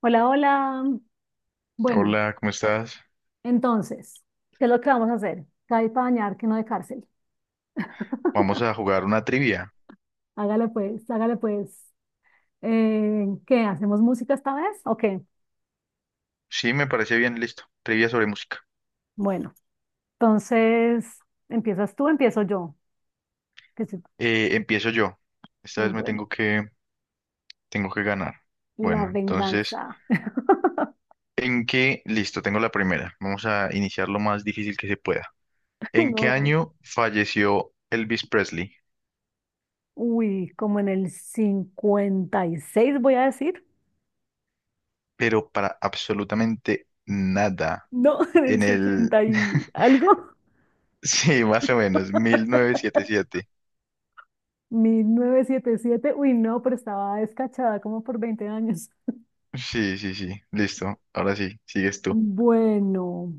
Hola, hola. Bueno, Hola, ¿cómo estás? entonces, ¿qué es lo que vamos a hacer? Cae para bañar, que no de cárcel. Vamos a jugar una trivia. Hágale pues, hágale pues. ¿Qué? ¿Hacemos música esta vez? Ok, Sí, me parece bien, listo. Trivia sobre música. bueno. Entonces, ¿empiezas tú? ¿Empiezo yo? Que sí. Empiezo yo. Esta vez me Bueno, tengo que ganar. la Bueno, entonces, venganza. ¿en qué? Listo, tengo la primera. Vamos a iniciar lo más difícil que se pueda. ¿En qué No. año falleció Elvis Presley? Uy, como en el 56 voy a decir. Pero para absolutamente nada. No, en el En el... 60 y algo. Sí, más o menos, 1977. 1977. Uy, no, pero estaba descachada como por 20 años. Sí, sí, sí, listo. Ahora sí, sigues tú. Bueno,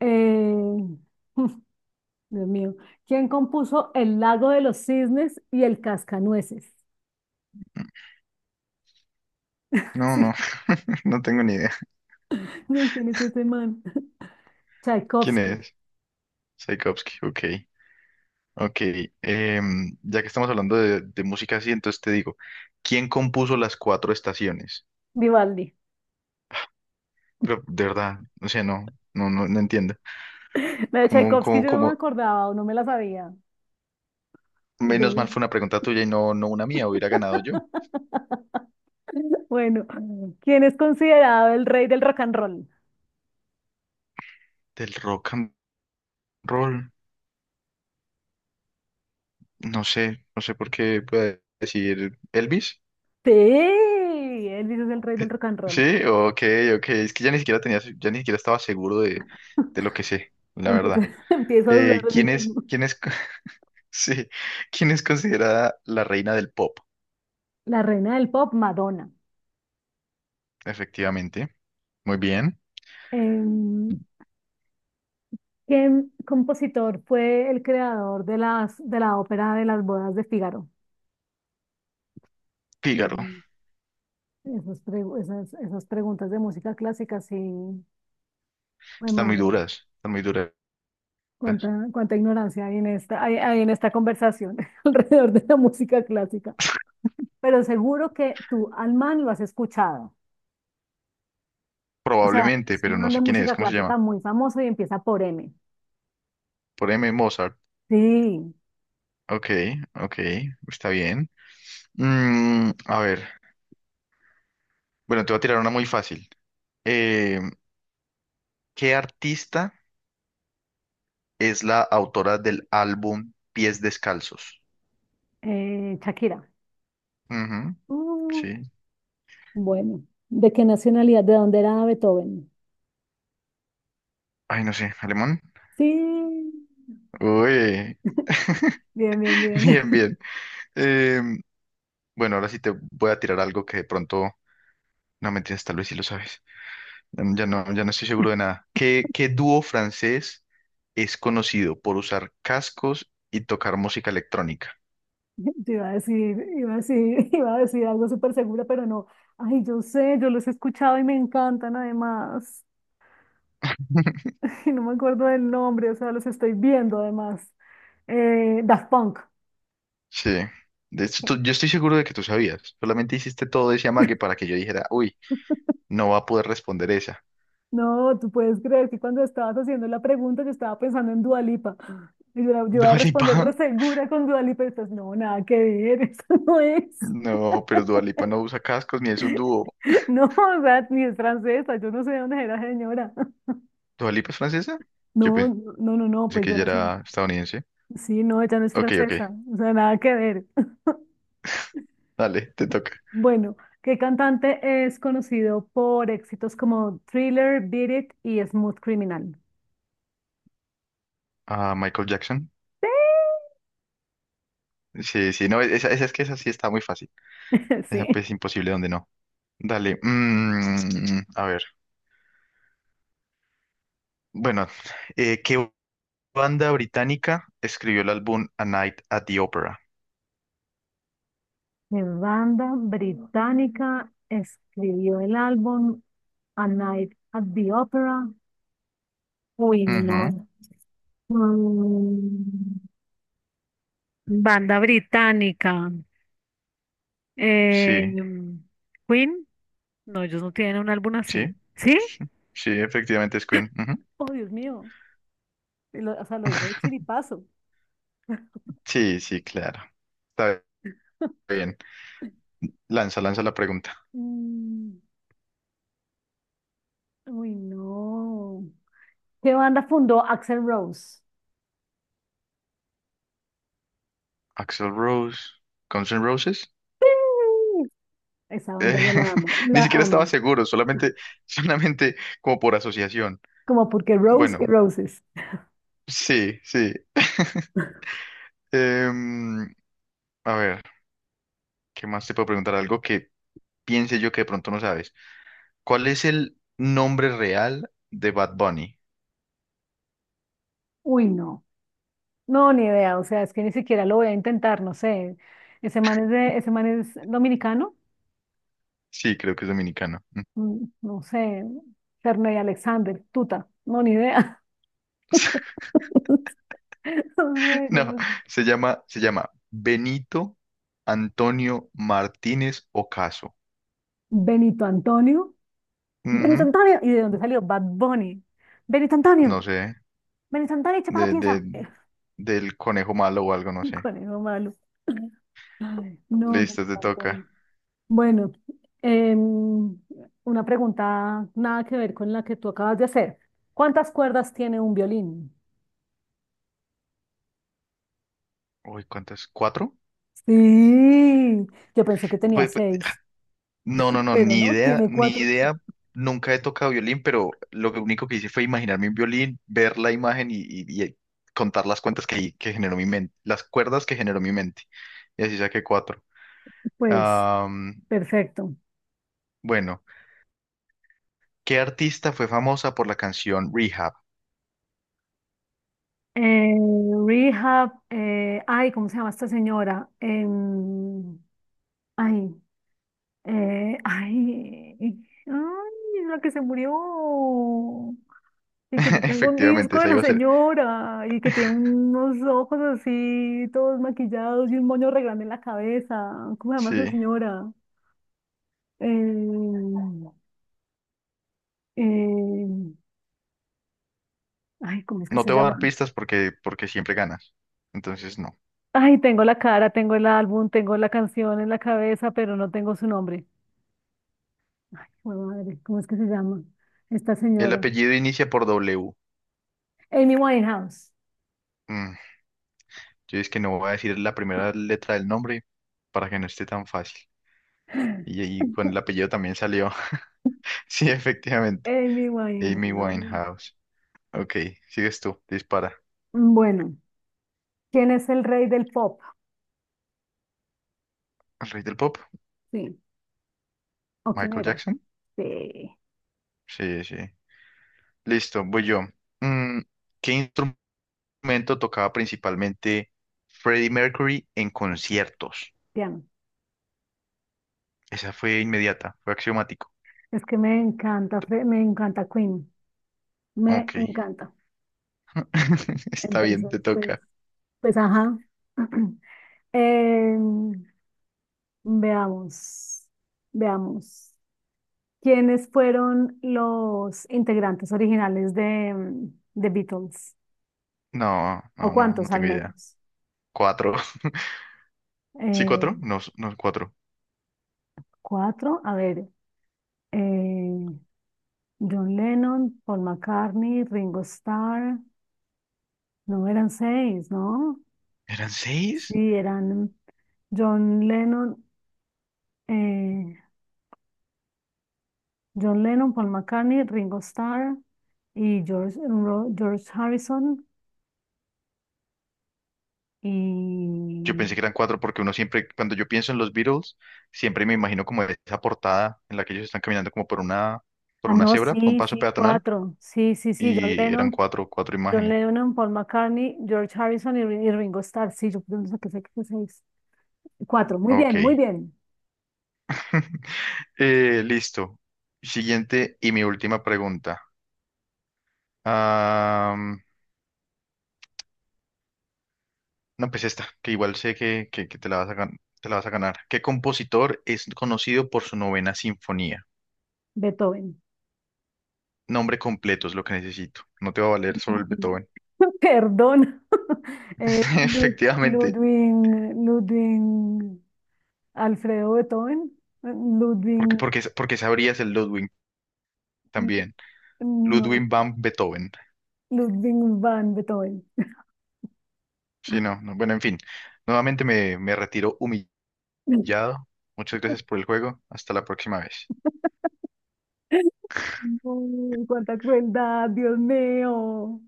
eh, Dios mío, ¿quién compuso El lago de los cisnes y El cascanueces? No, no, Sí, no tengo ni idea. no, ¿quién es ese man? ¿Quién Tchaikovsky, es? Tchaikovsky, ok. Ok, ya que estamos hablando de música así, entonces te digo, ¿quién compuso las cuatro estaciones? Vivaldi. Pero de verdad, o sea, no, no, no, no entiendo. La de Como, Tchaikovsky como, yo no me como, acordaba o no me la sabía. Menos Du- mal fue una pregunta tuya y no, no una mía, hubiera ganado yo. Bueno, ¿quién es considerado el rey del rock and roll? Del rock and roll, no sé por qué puede decir Elvis. Sí, Elvis es el rey del rock and roll. Sí, ok, ok, es que ya ni siquiera tenía, ya ni siquiera estaba seguro de lo que sé, la Empiezo, verdad. empiezo a dudar Eh, de mí ¿quién es, mismo. quién es, Sí, ¿quién es considerada la reina del pop? La reina del pop, Madonna. Efectivamente. Muy bien. Em, ¿Qué compositor fue el creador de la ópera de las bodas de Fígaro? Fígaro. Mm, esas preguntas de música clásica, sí. Ay, Están muy madre, duras, están muy duras. cuánta ignorancia hay en esta conversación alrededor de la música clásica. Pero seguro que tú al man lo has escuchado. O sea, Probablemente, es un pero no man de sé quién es. música ¿Cómo se clásica llama? muy famoso y empieza por M. Por M. Mozart. Sí, Ok, ok, está bien. A ver, bueno, te voy a tirar una muy fácil. Eh, ¿Qué artista es la autora del álbum Pies Descalzos? Shakira. Ujú, Mm, sí. bueno, ¿de qué nacionalidad? ¿De dónde era Beethoven? Ay, no sé, ¿alemán? Sí. Uy. Bien, bien, bien. Bien, bien. Em, Bueno, ahora sí te voy a tirar algo que de pronto, no mentiras, tal vez sí lo sabes. Ya no, ya no estoy seguro de nada. ¿Qué, qué dúo francés es conocido por usar cascos y tocar música electrónica? Yo iba a decir algo súper segura, pero no. Ay, yo sé, yo los he escuchado y me encantan además. Y no me acuerdo del nombre, o sea, los estoy viendo además. Daft Punk. Sí. De hecho, yo estoy seguro de que tú sabías. Solamente hiciste todo ese amague para que yo dijera, uy, no va a poder responder esa. No, tú puedes creer que cuando estabas haciendo la pregunta yo estaba pensando en Dua Lipa. Y yo, yo iba a ¿Dua responder Lipa? re segura con Dua Lipa y después, no, nada que ver, eso no es. No, pero Dua Lipa no usa cascos ni es un dúo. No, o sea, ni es francesa, yo no sé de dónde era señora. ¿Dua Lipa es francesa? Yo No, pensé no, no, no, pues que yo ella no sé. era estadounidense. Sí, no, ella no es Ok, francesa, ok. o sea, nada que ver. Dale, te toca. Bueno, ¿qué cantante es conocido por éxitos como Thriller, Beat It y Smooth Criminal? Ah, Michael Jackson. Sí, sí, no, esa es que esa sí está muy fácil. Esa Sí. pues es imposible donde no. Dale, a ver. Bueno, ¿qué banda británica escribió el álbum A Night at the Opera? ¿Qué banda británica escribió el álbum A Night at the Opera? Uy, Ujú, no. Mm, Banda británica. sí, Eh, Queen. No, ellos no tienen un álbum así. sí, ¿Sí? sí, sí, efectivamente es Queen. Ujú. Oh, Dios mío. Lo- o sea, lo dije de chiripazo. Sí, sí, claro. Está bien. Lanza, lanza la pregunta. Mm, uy, no. ¿Qué banda fundó Axel Rose? Axel Rose, Guns N' Roses. ¡Sí! Esa Eh, banda yo la amo, ni la siquiera amo. estaba seguro, solamente, solamente como por asociación. Como porque Rose y Bueno, Roses. sí, sí. Em, a ver, ¿qué más te puedo preguntar? Algo que piense yo que de pronto no sabes. ¿Cuál es el nombre real de Bad Bunny? Uy, no. No, ni idea. O sea, es que ni siquiera lo voy a intentar, no sé. Ese man es dominicano. Sí, creo que es dominicano. No sé. Ferney Alexander, Tuta. No, ni idea. No sé, yo No, no sé. Se llama Benito Antonio Martínez Ocaso. Benito Antonio. Benito Ujú, Antonio. ¿Y de dónde salió? Bad Bunny. Benito Antonio. no sé, Benito Antonio, echa para la de, pieza. de, del conejo malo o algo, no El sé. conejo malo. Ay, no, Listo, te toca. me. Bueno, em, una pregunta nada que ver con la que tú acabas de hacer. ¿Cuántas cuerdas tiene un violín? Uy, ¿cuántas? ¿Cuatro? Sí, yo pensé que tenía Pues seis, no, no, no, pero ni no, idea, tiene ni cuatro. idea. Nunca he tocado violín, pero único que hice fue imaginarme un violín, ver la imagen y contar las cuentas que generó mi mente, las cuerdas que generó mi mente. Y así saqué cuatro. Pues, Am, perfecto. bueno, ¿qué artista fue famosa por la canción Rehab? Eh, Rehab, ay, ¿cómo se llama esta señora? Ay, ay, ay, la que se murió. Y que yo tengo un Efectivamente, disco de esa la iba a ser. señora y que tiene unos ojos así, todos maquillados y un moño re grande en la cabeza. ¿Cómo se llama Sí, esa señora? Eh eh ay, ¿cómo es que no se te voy a dar llama? pistas porque, porque siempre ganas. Entonces, no. Ay, tengo la cara, tengo el álbum, tengo la canción en la cabeza, pero no tengo su nombre. Ay, jue madre, ¿cómo es que se llama esta El señora? apellido inicia por W. Amy Winehouse. Mm, yo es que no voy a decir la primera letra del nombre para que no esté tan fácil. Y con el apellido también salió. Sí, efectivamente. Amy Amy Winehouse. Winehouse. Ok, sigues tú. Dispara. Bueno, ¿quién es el rey del pop? ¿El rey del pop? Sí. ¿O quién ¿Michael era? Jackson? Sí. Sí, sí. Listo, voy yo. Mm, ¿Qué instrumento tocaba principalmente Freddie Mercury en conciertos? Piano. Esa fue inmediata, fue axiomático. Es que me encanta, me encanta Queen, me Ok. encanta. Está bien, Entonces, te pues, toca. pues, ajá. Em, veamos, veamos. ¿Quiénes fueron los integrantes originales de The Beatles? No, ¿O no, no, no cuántos al tengo idea. menos? ¿Cuatro? ¿Sí, Eh, cuatro? No, no, cuatro. cuatro, a ver. eh, John Lennon, Paul McCartney, Ringo Starr. No, eran seis, ¿no? ¿Eran seis? Sí, eran John Lennon. eh, John Lennon, Paul McCartney, Ringo Starr y George Harrison y... Yo pensé que eran cuatro porque uno siempre, cuando yo pienso en los Beatles, siempre me imagino como esa portada en la que ellos están caminando como por Ah, una no, cebra, por un sí, paso sí, peatonal, cuatro. Sí, sí, sí, John y eran Lennon, cuatro, cuatro John imágenes. Lennon, Paul McCartney, George Harrison y Ringo Starr. Sí, yo pienso que sé que fue seis. Cuatro, muy bien, muy Ok. bien. Listo. Siguiente y mi última pregunta. Am, no, pues esta, que igual sé que, que te la vas a ganar. ¿Qué compositor es conocido por su novena sinfonía? Beethoven. Nombre completo es lo que necesito. No te va a valer solo el Beethoven. Perdón. Eh, Lud- Efectivamente. Ludwig, Alfredo Beethoven, Porque, Ludwig, porque, porque sabrías el Ludwig también. no. Ludwig van Beethoven. Ludwig van Beethoven. Sí, no, no, bueno, en fin. Nuevamente me retiro humillado. Muchas gracias por el juego. Hasta la próxima vez. Uy, cuánta crueldad, Dios mío.